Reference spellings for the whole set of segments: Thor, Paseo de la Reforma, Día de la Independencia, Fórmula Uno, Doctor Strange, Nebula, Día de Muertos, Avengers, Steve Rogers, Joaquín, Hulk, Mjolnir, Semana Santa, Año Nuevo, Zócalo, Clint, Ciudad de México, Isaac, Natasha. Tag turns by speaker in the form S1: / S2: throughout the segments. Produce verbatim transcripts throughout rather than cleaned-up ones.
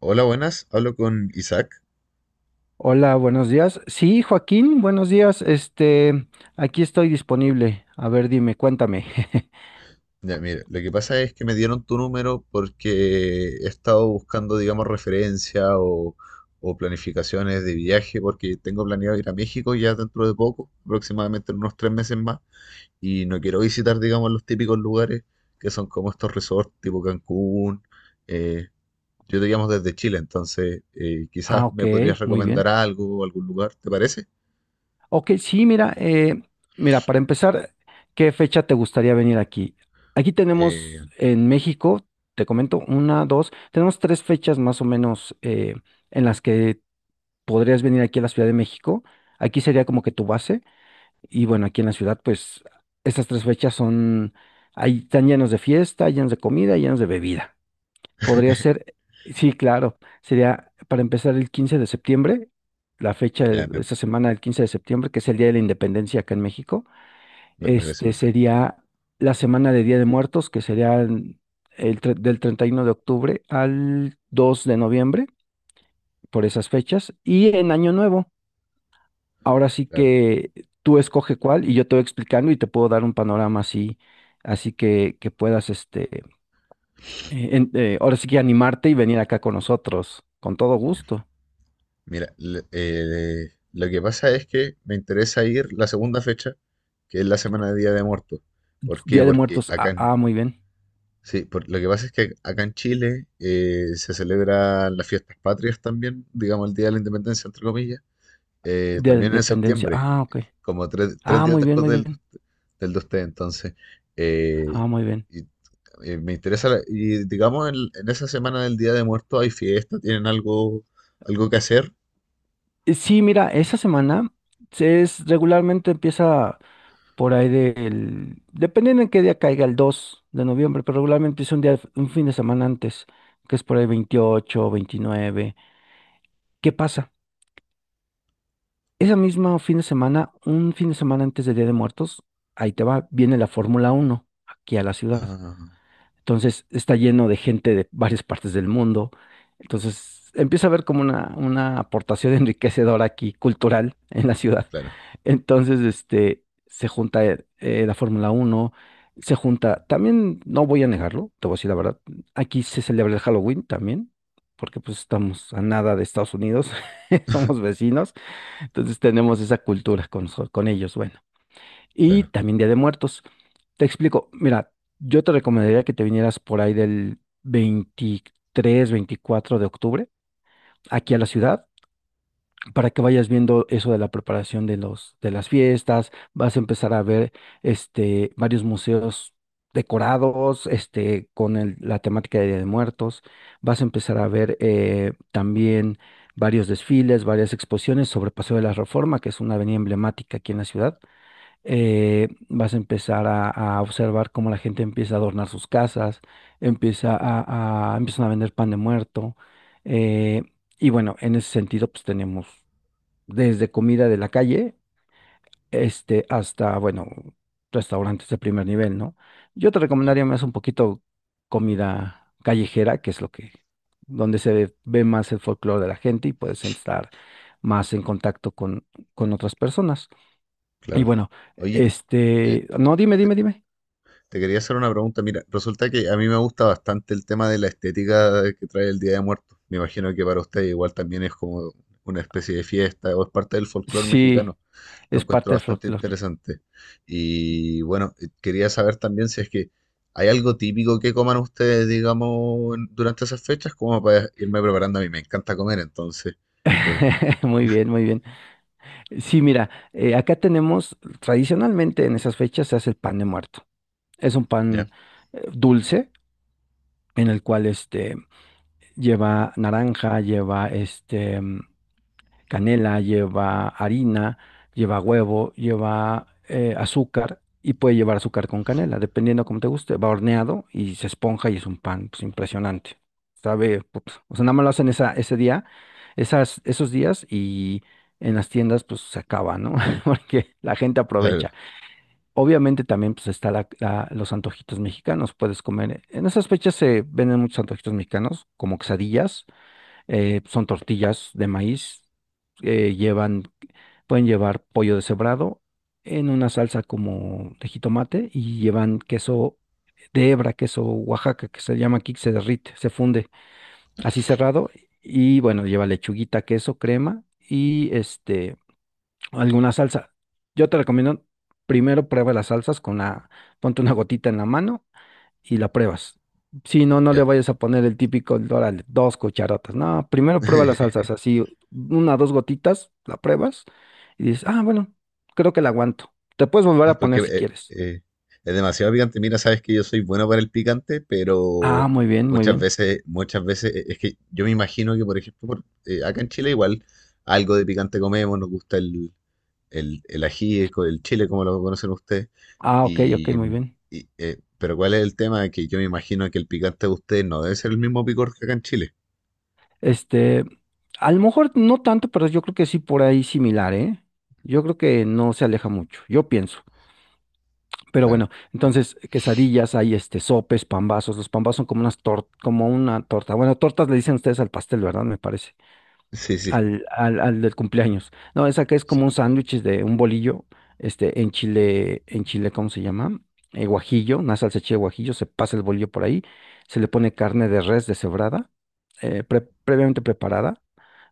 S1: Hola, buenas. Hablo con Isaac.
S2: Hola, buenos días. Sí, Joaquín, buenos días. Este, aquí estoy disponible. A ver, dime, cuéntame.
S1: Ya, mire, lo que pasa es que me dieron tu número porque he estado buscando, digamos, referencia o, o planificaciones de viaje porque tengo planeado ir a México ya dentro de poco, aproximadamente en unos tres meses más, y no quiero visitar, digamos, los típicos lugares que son como estos resorts tipo Cancún. eh, yo te llamo desde Chile, entonces eh,
S2: Ah,
S1: quizás
S2: ok,
S1: me podrías
S2: muy
S1: recomendar
S2: bien.
S1: algo, algún lugar, ¿te parece?
S2: Ok, sí, mira, eh, mira, para empezar, ¿qué fecha te gustaría venir aquí? Aquí
S1: Eh,
S2: tenemos en México, te comento, una, dos, tenemos tres fechas más o menos eh, en las que podrías venir aquí a la Ciudad de México. Aquí sería como que tu base. Y bueno, aquí en la ciudad, pues estas tres fechas son, ahí están llenos de fiesta, llenos de comida, llenos de bebida. Podría ser, sí, claro, sería para empezar el quince de septiembre, la fecha
S1: ya,
S2: de
S1: me,
S2: de esta semana del quince de septiembre, que es el Día de la Independencia acá en México.
S1: me parece
S2: Este
S1: perfecto,
S2: sería la semana de Día de Muertos, que sería el tre- del treinta y uno de octubre al dos de noviembre, por esas fechas. Y en Año Nuevo. Ahora sí
S1: claro.
S2: que tú escoge cuál y yo te voy explicando y te puedo dar un panorama así, así que, que puedas, este, eh, en- eh, ahora sí que animarte y venir acá con nosotros, con todo
S1: Ya.
S2: gusto.
S1: Mira, le- eh, lo que pasa es que me interesa ir la segunda fecha, que es la semana de Día de Muertos. ¿Por qué?
S2: Día de
S1: Porque
S2: Muertos,
S1: acá
S2: ah,
S1: en,
S2: ah, muy bien.
S1: sí, por- lo que pasa es que acá en Chile eh, se celebran las fiestas patrias también, digamos el Día de la Independencia, entre comillas, eh,
S2: Día de la
S1: también en
S2: Independencia,
S1: septiembre,
S2: ah, ok.
S1: como tres, tres
S2: Ah,
S1: días
S2: muy bien,
S1: después
S2: muy
S1: del,
S2: bien.
S1: del de usted. Entonces, eh,
S2: Ah, muy bien.
S1: y, eh, me interesa, la- y digamos en, en esa semana del Día de Muertos hay fiesta, tienen algo, algo que hacer.
S2: Eh, Sí, mira, esa semana se es regularmente empieza por ahí del, dependiendo en qué día caiga, el dos de noviembre, pero regularmente es un día, un fin de semana antes, que es por ahí veintiocho, veintinueve. ¿Qué pasa? Ese mismo fin de semana, un fin de semana antes del Día de Muertos, ahí te va, viene la Fórmula Uno aquí a la ciudad.
S1: Ah,
S2: Entonces está lleno de gente de varias partes del mundo. Entonces empieza a haber como una, una aportación enriquecedora aquí, cultural, en la ciudad.
S1: claro.
S2: Entonces, este, se junta eh, eh, la Fórmula Uno, se junta, también no voy a negarlo, te voy a decir la verdad, aquí se celebra el Halloween también, porque pues estamos a nada de Estados Unidos, somos vecinos. Entonces tenemos esa cultura con, so- con ellos, bueno. Y
S1: Claro,
S2: también Día de Muertos. Te explico, mira, yo te recomendaría que te vinieras por ahí del veintitrés, veinticuatro de octubre aquí a la ciudad para que vayas viendo eso de la preparación de los, de las fiestas, vas a empezar a ver este, varios museos decorados, este, con el- la temática de Día de Muertos, vas a empezar a ver eh, también varios desfiles, varias exposiciones sobre Paseo de la Reforma, que es una avenida emblemática aquí en la ciudad. Eh, vas a empezar a, a observar cómo la gente empieza a adornar sus casas, empieza a, a- empiezan a vender pan de muerto. eh, y bueno, en ese sentido, pues tenemos desde comida de la calle, este, hasta, bueno, restaurantes de primer nivel, ¿no? Yo te
S1: claro,
S2: recomendaría más un poquito comida callejera, que es lo que, donde se ve más el folclore de la gente y puedes estar más en contacto con, con otras personas. Y
S1: claro.
S2: bueno,
S1: Oye, eh,
S2: este, no, dime, dime, dime.
S1: te quería hacer una pregunta. Mira, resulta que a mí me gusta bastante el tema de la estética que trae el Día de Muertos. Me imagino que para usted igual también es como una especie de fiesta o es parte del folclore
S2: Sí,
S1: mexicano. Lo
S2: es
S1: encuentro
S2: parte del
S1: bastante
S2: folclore.
S1: interesante. Y bueno, eh, quería saber también si es que hay algo típico que coman ustedes, digamos, en- durante esas fechas, como para irme preparando. A mí me encanta comer, entonces, eh,
S2: Muy bien, muy bien. Sí, mira, eh, acá tenemos, tradicionalmente en esas fechas se hace el pan de muerto. Es un
S1: ya,
S2: pan eh, dulce en el cual este lleva naranja, lleva este mm, canela, lleva harina, lleva huevo, lleva eh, azúcar y puede llevar azúcar con canela, dependiendo como te guste. Va horneado y se esponja y es un pan pues, impresionante. Sabe, put, o sea, nada más lo hacen esa, ese día, esas, esos días y en las tiendas pues se acaba, ¿no? Porque la gente
S1: claro,
S2: aprovecha. Obviamente también pues está la- la- los antojitos mexicanos, puedes comer. En esas fechas se venden muchos antojitos mexicanos, como quesadillas, eh, son tortillas de maíz, eh, llevan, pueden llevar pollo deshebrado en una salsa como de jitomate y llevan queso de hebra, queso Oaxaca, que se llama aquí, que se derrite, se funde así cerrado y bueno, lleva lechuguita, queso, crema y este alguna salsa. Yo te recomiendo, primero prueba las salsas con la, ponte una gotita en la mano y la pruebas. Si no, no le
S1: ya.
S2: vayas a poner el típico, órale, dos cucharotas. No, primero prueba las salsas, así, una, dos gotitas, la pruebas y dices, ah, bueno, creo que la aguanto. Te puedes volver a
S1: Porque
S2: poner si
S1: eh,
S2: quieres.
S1: eh, es demasiado picante. Mira, sabes que yo soy bueno para el picante,
S2: Ah,
S1: pero
S2: muy bien, muy
S1: muchas
S2: bien.
S1: veces, muchas veces, eh, es que yo me imagino que, por ejemplo, por- eh, acá en Chile igual algo de picante comemos, nos gusta el, el, el ají, co- el chile, como lo conocen ustedes.
S2: Ah, ok, ok,
S1: Y,
S2: muy bien.
S1: y, eh, pero ¿cuál es el tema? Que yo me imagino que el picante de ustedes no debe ser el mismo picor que acá en Chile.
S2: Este, a lo mejor no tanto, pero yo creo que sí por ahí similar, ¿eh? Yo creo que no se aleja mucho, yo pienso. Pero
S1: Claro.
S2: bueno,
S1: Eh,
S2: entonces quesadillas, hay este sopes, pambazos. Los pambazos son como unas tor- como una torta. Bueno, tortas le dicen ustedes al pastel, ¿verdad? Me parece.
S1: Sí, sí,
S2: Al, al, al del cumpleaños. No, esa que es
S1: sí.
S2: como un sándwich de un bolillo, este, en chile, en chile, ¿cómo se llama? Eh, guajillo, una salsa de chile guajillo, se pasa el bolillo por ahí, se le pone carne de res deshebrada, eh, pre- previamente preparada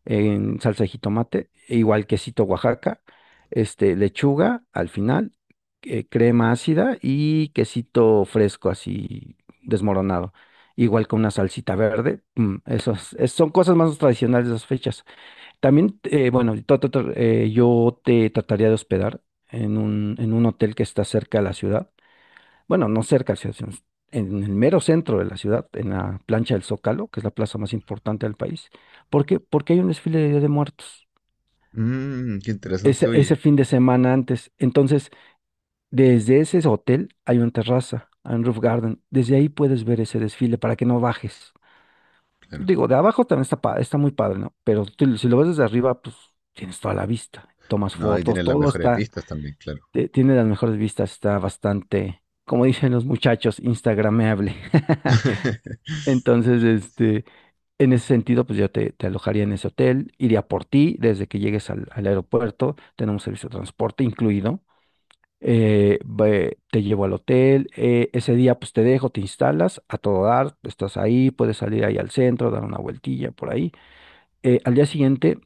S2: en salsa de jitomate, e igual quesito Oaxaca, este, lechuga al final, eh, crema ácida y quesito fresco así desmoronado. Igual con una salsita verde, mm, esos, es- son cosas más tradicionales de esas fechas. También, eh, bueno, to- to- to- eh, yo te trataría de hospedar en un, en un hotel que está cerca de la ciudad, bueno, no cerca, sino en el mero centro de la ciudad, en la plancha del Zócalo, que es la plaza más importante del país. ¿Por qué? Porque hay un desfile de Día de Muertos
S1: Mmm, qué interesante,
S2: ese,
S1: oye.
S2: ese fin de semana antes. Entonces, desde ese hotel hay una terraza, hay un roof garden. Desde ahí puedes ver ese desfile para que no bajes.
S1: Claro.
S2: Digo, de abajo también está, pa- está muy padre, ¿no? Pero tú- si lo ves desde arriba, pues tienes toda la vista. Tomas
S1: No, ahí
S2: fotos,
S1: tienen las
S2: todo
S1: mejores
S2: está,
S1: vistas también, claro.
S2: te- tiene las mejores vistas, está bastante, como dicen los muchachos, instagrameable. Entonces, este, en ese sentido, pues yo te, te alojaría en ese hotel, iría por ti desde que llegues al, al aeropuerto, tenemos servicio de transporte incluido, eh, ve- te llevo al hotel, eh, ese día pues te dejo, te instalas a todo dar, estás ahí, puedes salir ahí al centro, dar una vueltilla por ahí. Eh, al día siguiente,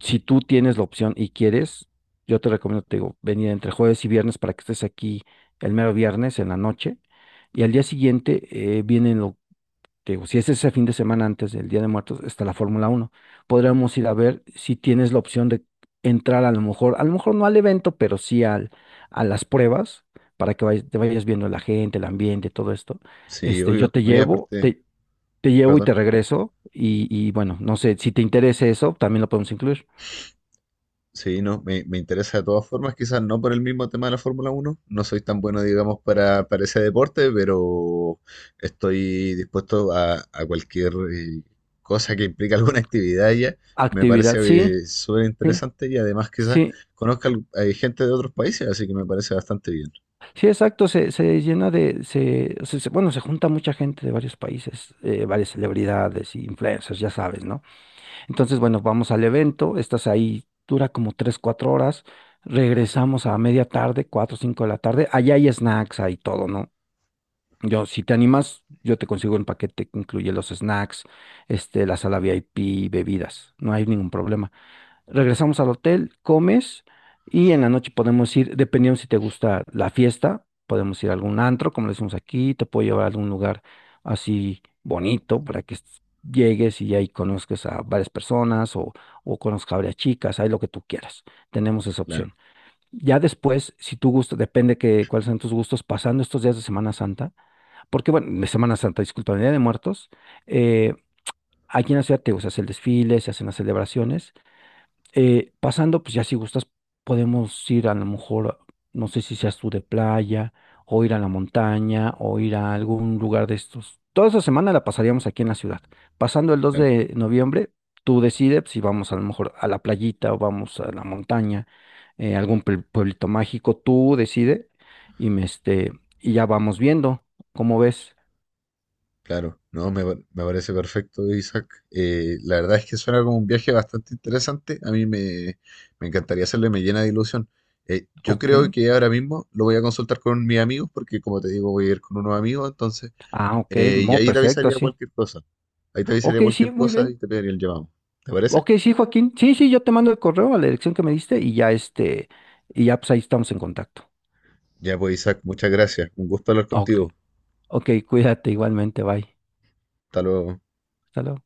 S2: si tú tienes la opción y quieres, yo te recomiendo, te digo, venir entre jueves y viernes para que estés aquí el mero viernes en la noche. Y al día siguiente eh, vienen te digo, si es ese fin de semana antes del Día de Muertos, está la Fórmula Uno. Podríamos ir a ver si tienes la opción de entrar a lo mejor, a lo mejor no al evento, pero sí al, a las pruebas, para que vayas- te vayas viendo la gente, el ambiente, todo esto.
S1: Sí,
S2: Este, yo
S1: obvio.
S2: te
S1: No, y
S2: llevo,
S1: aparte,
S2: te, te llevo y
S1: perdón.
S2: te regreso. Y, y bueno, no sé, si te interesa eso, también lo podemos incluir.
S1: Sí, no, me, me interesa de todas formas, quizás no por el mismo tema de la Fórmula Uno. No soy tan bueno, digamos, para, para ese deporte, pero estoy dispuesto a, a cualquier eh, cosa que implique alguna actividad ya. Me parece
S2: Actividad, sí,
S1: eh, súper
S2: sí,
S1: interesante y además quizás
S2: sí.
S1: conozca al- hay gente de otros países, así que me parece bastante bien.
S2: Sí, exacto, se, se llena de, se, se- se- bueno, se junta mucha gente de varios países, eh, varias celebridades, influencers, ya sabes, ¿no? Entonces, bueno, vamos al evento, estás ahí, dura como tres, cuatro horas, regresamos a media tarde, cuatro, cinco de la tarde, allá hay snacks, hay todo, ¿no? Yo, si te animas, yo te consigo el paquete que incluye los snacks, este, la sala VIP, bebidas, no hay ningún problema. Regresamos al hotel, comes y en la noche podemos ir, dependiendo si te gusta la fiesta, podemos ir a algún antro, como le decimos aquí, te puedo llevar a algún lugar así bonito para que est- llegues y ahí conozcas a varias personas o, o conozcas a varias chicas, ahí lo que tú quieras. Tenemos esa
S1: Claro,
S2: opción. Ya después, si tú gustas, depende que cuáles sean tus gustos, pasando estos días de Semana Santa, porque bueno, de Semana Santa, disculpa, de Día de Muertos, eh, aquí en la ciudad te, digo, se hace el desfile, se hacen las celebraciones eh, pasando, pues ya si gustas, podemos ir a lo mejor, no sé si seas tú de playa, o ir a la montaña, o ir a algún lugar de estos. Toda esa semana la pasaríamos aquí en la ciudad. Pasando el dos
S1: claro.
S2: de noviembre, tú decides si vamos a lo mejor a la playita o vamos a la montaña, eh, algún pue- pueblito mágico, tú decides y, me, este, y ya vamos viendo, ¿cómo ves?
S1: Claro, no, me, pa- me parece perfecto, Isaac. Eh, la verdad es que suena como un viaje bastante interesante. A mí me, me encantaría hacerle, me llena de ilusión. Eh, yo
S2: Ok,
S1: creo que ahora mismo lo voy a consultar con mis amigos, porque como te digo, voy a ir con unos amigos, entonces,
S2: ah, ok,
S1: eh, y
S2: no,
S1: ahí te
S2: perfecto,
S1: avisaría
S2: así.
S1: cualquier cosa. Ahí te avisaría
S2: Ok, sí,
S1: cualquier
S2: muy
S1: cosa y
S2: bien.
S1: te pediría el llamado. ¿Te parece?
S2: Ok, sí, Joaquín. Sí, sí, yo te mando el correo a la dirección que me diste y ya este, y ya pues ahí estamos en contacto.
S1: Ya pues, Isaac, muchas gracias. Un gusto hablar
S2: Ok.
S1: contigo.
S2: Ok, cuídate igualmente, bye.
S1: Hasta luego.
S2: Hasta luego.